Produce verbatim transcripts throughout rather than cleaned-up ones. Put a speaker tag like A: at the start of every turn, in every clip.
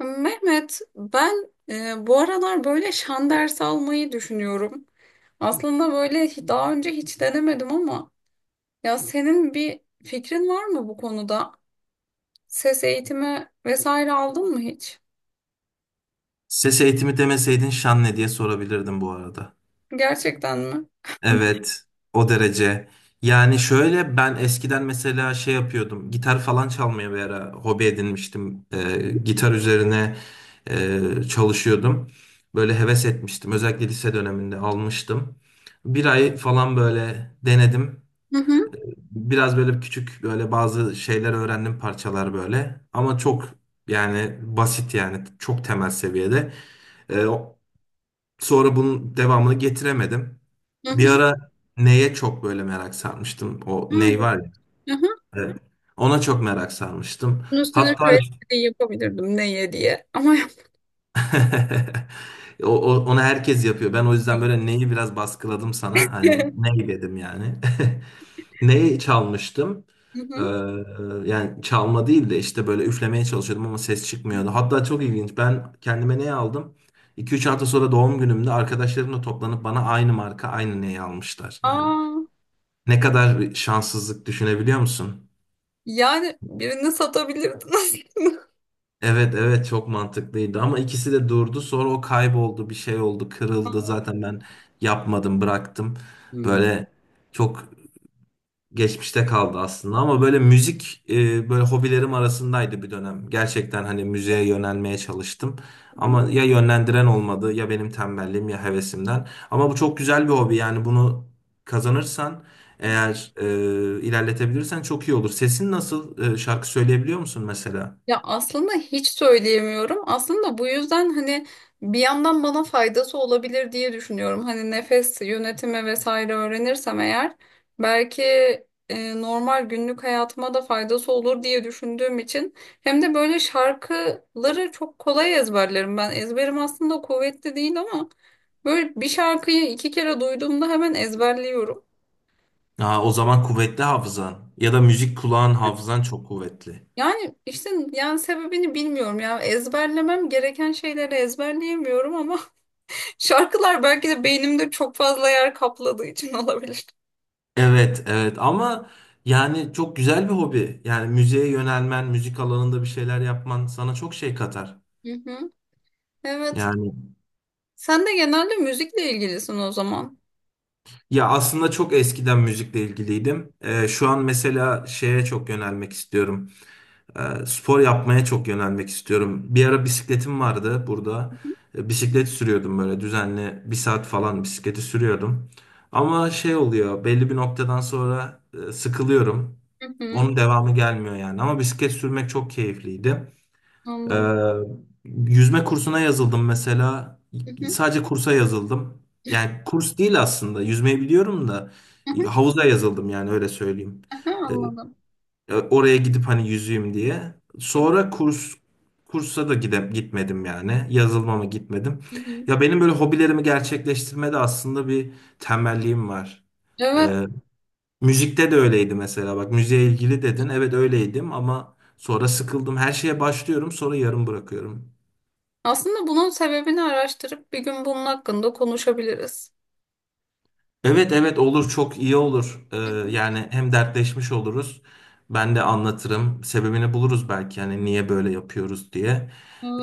A: Mehmet, ben e, bu aralar böyle şan dersi almayı düşünüyorum. Aslında böyle hi- daha önce hiç denemedim ama ya senin bir fikrin var mı bu konuda? Ses eğitimi vesaire aldın mı hiç?
B: Ses eğitimi demeseydin şan ne diye sorabilirdim bu arada.
A: Gerçekten mi?
B: Evet, o derece. Yani şöyle ben eskiden mesela şey yapıyordum. Gitar falan çalmaya bir ara hobi edinmiştim. Ee, gitar üzerine e, çalışıyordum. Böyle heves etmiştim. Özellikle lise döneminde almıştım. Bir ay falan böyle denedim.
A: Hı hı,
B: Biraz böyle küçük böyle bazı şeyler öğrendim, parçalar böyle. Ama çok, yani basit, yani çok temel seviyede. Sonra bunun devamını getiremedim.
A: hı
B: Bir
A: hı.
B: ara neye çok böyle merak sarmıştım. O
A: Ay,
B: ney var ya.
A: hı hı.
B: Evet. Ona çok merak sarmıştım.
A: Bunun üstüne
B: Hatta
A: şöyle bir şey yapabilirdim neye diye ama
B: o, o- onu herkes yapıyor. Ben o yüzden
A: yapmadım.
B: böyle neyi biraz baskıladım sana. Hani ney dedim yani. Neyi çalmıştım?
A: Hı
B: Ee,
A: hı.
B: yani çalma değil de işte böyle üflemeye çalışıyordum ama ses çıkmıyordu. Hatta çok ilginç. Ben kendime neyi aldım? iki üç hafta sonra doğum günümde arkadaşlarımla toplanıp bana aynı marka aynı neyi almışlar yani.
A: Aa,
B: Ne kadar bir şanssızlık düşünebiliyor musun?
A: yani birini satabilirdin aslında.
B: Evet, evet, çok mantıklıydı ama ikisi de durdu, sonra o kayboldu, bir şey oldu, kırıldı, zaten ben yapmadım, bıraktım.
A: Aa.
B: Böyle çok geçmişte kaldı aslında ama böyle müzik e, böyle hobilerim arasındaydı bir dönem. Gerçekten hani müziğe yönelmeye çalıştım. Ama ya yönlendiren olmadı, ya benim tembelliğim, ya hevesimden. Ama bu çok güzel bir hobi yani, bunu kazanırsan eğer, e, ilerletebilirsen çok iyi olur. Sesin nasıl? E, şarkı söyleyebiliyor musun mesela?
A: Ya aslında hiç söyleyemiyorum. Aslında bu yüzden hani bir yandan bana faydası olabilir diye düşünüyorum. Hani nefes yönetimi vesaire öğrenirsem eğer belki e, normal günlük hayatıma da faydası olur diye düşündüğüm için hem de böyle şarkıları çok kolay ezberlerim ben. Ezberim aslında kuvvetli değil ama böyle bir şarkıyı iki kere duyduğumda hemen ezberliyorum.
B: Aa, o zaman kuvvetli hafızan, ya da müzik kulağın, hafızan çok kuvvetli.
A: Yani işte yani sebebini bilmiyorum ya. Ezberlemem gereken şeyleri ezberleyemiyorum ama şarkılar belki de beynimde çok fazla yer kapladığı için olabilir.
B: Evet, evet, ama yani çok güzel bir hobi. Yani müziğe yönelmen, müzik alanında bir şeyler yapman sana çok şey katar.
A: Hı hı. Evet.
B: Yani,
A: Sen de genelde müzikle ilgilisin o zaman.
B: ya aslında çok eskiden müzikle ilgiliydim. Ee, şu an mesela şeye çok yönelmek istiyorum. Ee, spor yapmaya çok yönelmek istiyorum. Bir ara bisikletim vardı burada. Ee, bisiklet sürüyordum böyle, düzenli bir saat falan bisikleti sürüyordum. Ama şey oluyor, belli bir noktadan sonra e, sıkılıyorum.
A: Hı hı.
B: Onun devamı gelmiyor yani. Ama bisiklet sürmek çok keyifliydi.
A: Anladım.
B: Ee, yüzme kursuna yazıldım mesela.
A: Hı hı.
B: Sadece kursa yazıldım. Yani kurs değil aslında. Yüzmeyi biliyorum da
A: Hı hı.
B: havuza yazıldım yani, öyle söyleyeyim.
A: Aha,
B: Ee,
A: anladım.
B: e, oraya gidip hani yüzeyim diye.
A: Hı hı.
B: Sonra kurs kursa da gide, gitmedim yani. Yazılmama gitmedim.
A: Hı. Hı.
B: Ya benim böyle hobilerimi gerçekleştirmede aslında bir tembelliğim var.
A: Evet.
B: Ee, müzikte de öyleydi mesela. Bak, müziğe ilgili dedin. Evet öyleydim ama sonra sıkıldım. Her şeye başlıyorum, sonra yarım bırakıyorum.
A: Aslında bunun sebebini araştırıp bir gün bunun hakkında konuşabiliriz.
B: Evet, evet, olur, çok iyi olur. Ee,
A: Hı hı.
B: yani hem dertleşmiş oluruz. Ben de anlatırım. Sebebini buluruz belki, yani niye böyle yapıyoruz diye.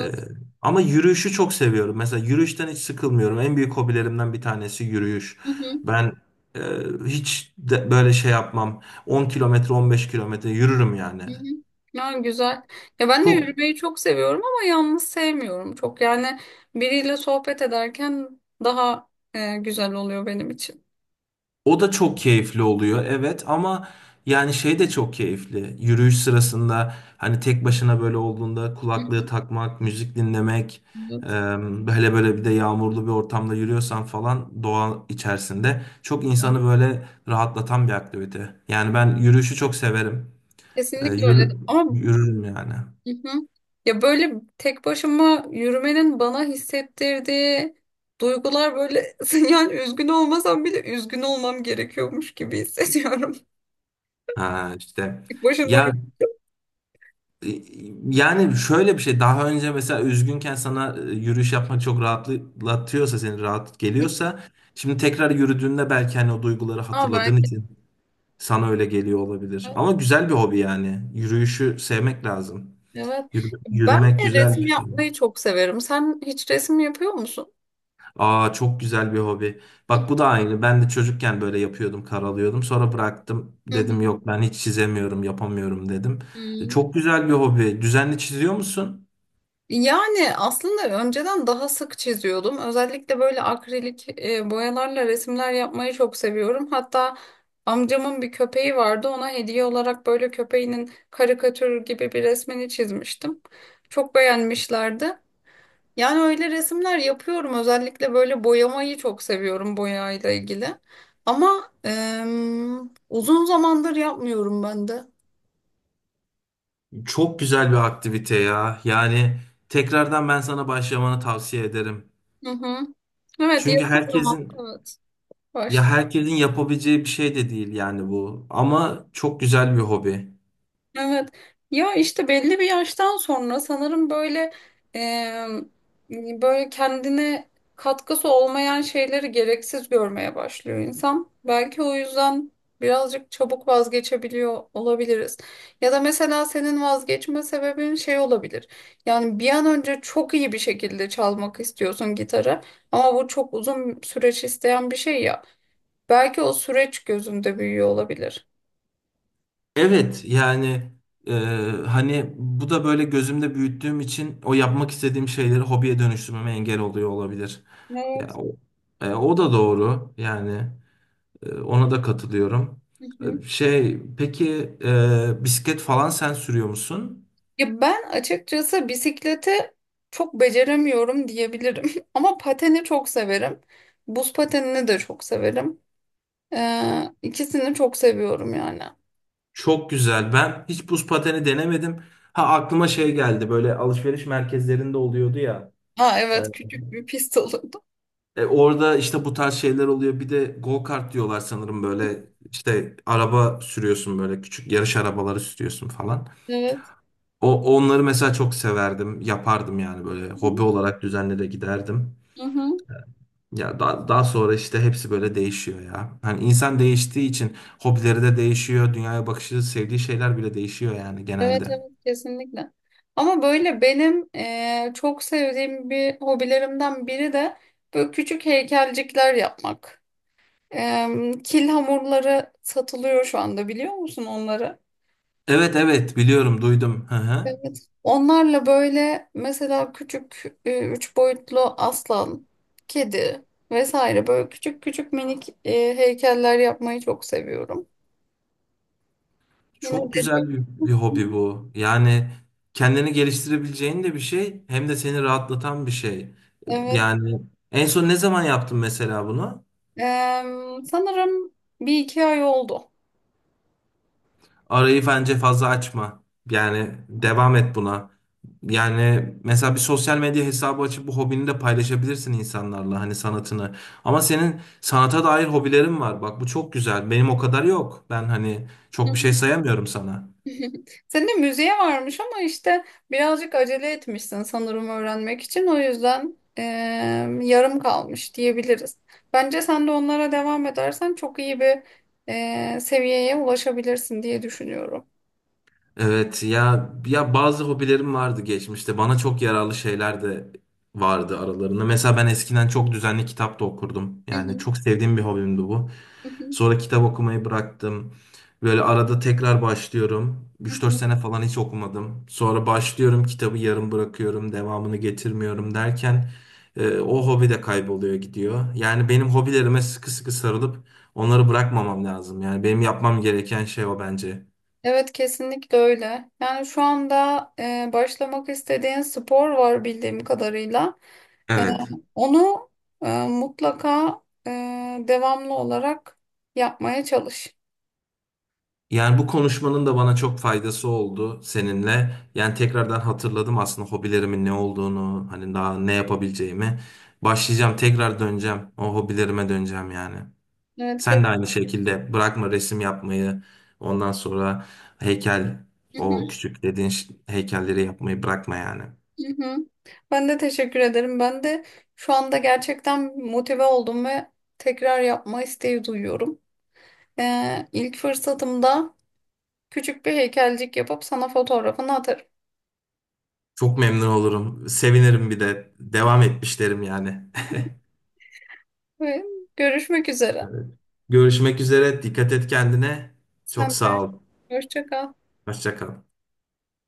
B: Ee, ama yürüyüşü çok seviyorum. Mesela yürüyüşten hiç sıkılmıyorum. En büyük hobilerimden bir tanesi yürüyüş.
A: Hı hı.
B: Ben e, hiç de böyle şey yapmam. on kilometre, on beş kilometre yürürüm yani.
A: Hı hı. Ya güzel. Ya ben de
B: Çok.
A: yürümeyi çok seviyorum ama yalnız sevmiyorum çok. Yani biriyle sohbet ederken daha e, güzel oluyor benim için.
B: O da çok keyifli oluyor, evet, ama yani şey de çok keyifli. Yürüyüş sırasında hani tek başına böyle olduğunda,
A: Hı
B: kulaklığı takmak, müzik dinlemek,
A: hı.
B: e, hele böyle bir de yağmurlu bir ortamda yürüyorsan falan, doğa içerisinde çok
A: Evet.
B: insanı böyle rahatlatan bir aktivite. Yani ben yürüyüşü çok severim. E,
A: Kesinlikle öyle.
B: yürü,
A: Ama
B: yürürüm yani.
A: hı hı. Ya böyle tek başıma yürümenin bana hissettirdiği duygular böyle yani üzgün olmasam bile üzgün olmam gerekiyormuş gibi hissediyorum.
B: Ha işte.
A: Tek başına böyle.
B: Ya, Ee, yani şöyle bir şey, daha önce mesela üzgünken sana e, yürüyüş yapmak çok rahatlatıyorsa, seni rahat geliyorsa, şimdi tekrar yürüdüğünde belki hani o duyguları
A: Aa,
B: hatırladığın
A: belki de.
B: için sana öyle geliyor olabilir. Ama güzel bir hobi yani. Yürüyüşü sevmek lazım.
A: Evet.
B: Yürü-
A: Ben
B: yürümek
A: bir de
B: güzel
A: resim
B: bir şey.
A: yapmayı çok severim. Sen hiç resim yapıyor musun?
B: Aa, çok güzel bir hobi.
A: Hı hı.
B: Bak, bu da aynı. Ben de çocukken böyle yapıyordum, karalıyordum. Sonra bıraktım.
A: Hı hı.
B: Dedim yok, ben hiç çizemiyorum, yapamıyorum dedim. E,
A: Hmm.
B: Çok güzel bir hobi. Düzenli çiziyor musun?
A: Yani aslında önceden daha sık çiziyordum. Özellikle böyle akrilik e, boyalarla resimler yapmayı çok seviyorum. Hatta amcamın bir köpeği vardı. Ona hediye olarak böyle köpeğinin karikatür gibi bir resmini çizmiştim. Çok beğenmişlerdi. Yani öyle resimler yapıyorum. Özellikle böyle boyamayı çok seviyorum boyayla ilgili. Ama em, uzun zamandır yapmıyorum ben de.
B: Çok güzel bir aktivite ya. Yani tekrardan ben sana başlamanı tavsiye ederim.
A: Hı hı. Evet,
B: Çünkü
A: yakın zaman.
B: herkesin,
A: Evet.
B: ya
A: Başladım.
B: herkesin yapabileceği bir şey de değil yani bu. Ama çok güzel bir hobi.
A: Evet. Ya işte belli bir yaştan sonra sanırım böyle e, böyle kendine katkısı olmayan şeyleri gereksiz görmeye başlıyor insan. Belki o yüzden birazcık çabuk vazgeçebiliyor olabiliriz. Ya da mesela senin vazgeçme sebebin şey olabilir. Yani bir an önce çok iyi bir şekilde çalmak istiyorsun gitarı ama bu çok uzun süreç isteyen bir şey ya. Belki o süreç gözümde büyüyor olabilir.
B: Evet yani, e, hani bu da böyle gözümde büyüttüğüm için, o yapmak istediğim şeyleri hobiye dönüştürmeme engel oluyor olabilir.
A: Evet.
B: Ya o, e, o da doğru yani. E, ona da katılıyorum.
A: Hı hı.
B: E, Şey, peki, e, bisiklet falan sen sürüyor musun?
A: Ya ben açıkçası bisiklete çok beceremiyorum diyebilirim. Ama pateni çok severim. Buz patenini de çok severim. Ee, ikisini çok seviyorum yani.
B: Çok güzel. Ben hiç buz pateni denemedim. Ha, aklıma şey geldi. Böyle alışveriş merkezlerinde oluyordu ya.
A: Ha
B: E,
A: evet, küçük bir pist olurdu.
B: e, orada işte bu tarz şeyler oluyor. Bir de go kart diyorlar sanırım, böyle işte araba sürüyorsun, böyle küçük yarış arabaları sürüyorsun falan.
A: Evet.
B: O onları mesela çok severdim. Yapardım yani, böyle hobi olarak düzenli de giderdim.
A: Hı hı.
B: Ya, daha, daha sonra işte hepsi böyle değişiyor ya. Hani insan değiştiği için hobileri de değişiyor. Dünyaya bakışı, sevdiği şeyler bile değişiyor yani
A: Evet,
B: genelde.
A: evet, kesinlikle. Ama böyle benim eee, çok sevdiğim bir hobilerimden biri de böyle küçük heykelcikler yapmak. Eee, kil hamurları satılıyor şu anda, biliyor musun onları?
B: Evet, evet, biliyorum, duydum. Hı hı.
A: Evet. Onlarla böyle mesela küçük e, üç boyutlu aslan, kedi vesaire böyle küçük küçük minik e, heykeller yapmayı çok seviyorum. Yine
B: Çok
A: dediğim
B: güzel bir, bir hobi bu. Yani kendini geliştirebileceğin de bir şey, hem de seni rahatlatan bir şey.
A: Evet.
B: Yani en son ne zaman yaptın mesela bunu?
A: Eee, sanırım bir iki ay oldu.
B: Arayı bence fazla açma. Yani devam et buna. Yani mesela bir sosyal medya hesabı açıp bu hobini de paylaşabilirsin insanlarla, hani sanatını. Ama senin sanata dair hobilerin var. Bak, bu çok güzel. Benim o kadar yok. Ben hani çok bir şey sayamıyorum sana.
A: Senin de müziğe varmış ama işte birazcık acele etmişsin sanırım öğrenmek için. O yüzden eee, yarım kalmış diyebiliriz. Bence sen de onlara devam edersen çok iyi bir eee, seviyeye ulaşabilirsin diye düşünüyorum.
B: Evet ya, ya bazı hobilerim vardı geçmişte. Bana çok yararlı şeyler de vardı aralarında. Mesela ben eskiden çok düzenli kitap da okurdum.
A: Hı
B: Yani
A: hı,
B: çok sevdiğim bir hobimdi bu.
A: hı hı,
B: Sonra kitap okumayı bıraktım. Böyle arada tekrar başlıyorum.
A: hı
B: Üç dört
A: hı.
B: sene falan hiç okumadım. Sonra başlıyorum, kitabı yarım bırakıyorum, devamını getirmiyorum derken e, o hobi de kayboluyor gidiyor. Yani benim hobilerime sıkı sıkı sarılıp onları bırakmamam lazım. Yani benim yapmam gereken şey o bence.
A: Evet, kesinlikle öyle. Yani şu anda eee, başlamak istediğin spor var bildiğim kadarıyla. Eee,
B: Evet.
A: onu eee, mutlaka eee, devamlı olarak yapmaya çalış.
B: Yani bu konuşmanın da bana çok faydası oldu seninle. Yani tekrardan hatırladım aslında hobilerimin ne olduğunu, hani daha ne yapabileceğimi. Başlayacağım, tekrar döneceğim. O hobilerime döneceğim yani. Sen
A: Evet.
B: de aynı şekilde bırakma resim yapmayı. Ondan sonra heykel,
A: Hı hı,
B: o küçük dediğin ş- heykelleri yapmayı bırakma yani.
A: hı hı. Ben de teşekkür ederim. Ben de şu anda gerçekten motive oldum ve tekrar yapma isteği duyuyorum. Ee, ilk fırsatımda küçük bir heykelcik yapıp sana fotoğrafını atarım.
B: Çok memnun olurum. Sevinirim bir de. Devam etmişlerim yani.
A: Ve görüşmek üzere.
B: Görüşmek üzere. Dikkat et kendine.
A: Sen
B: Çok
A: de
B: sağ ol.
A: hoşça kal.
B: Hoşça kal.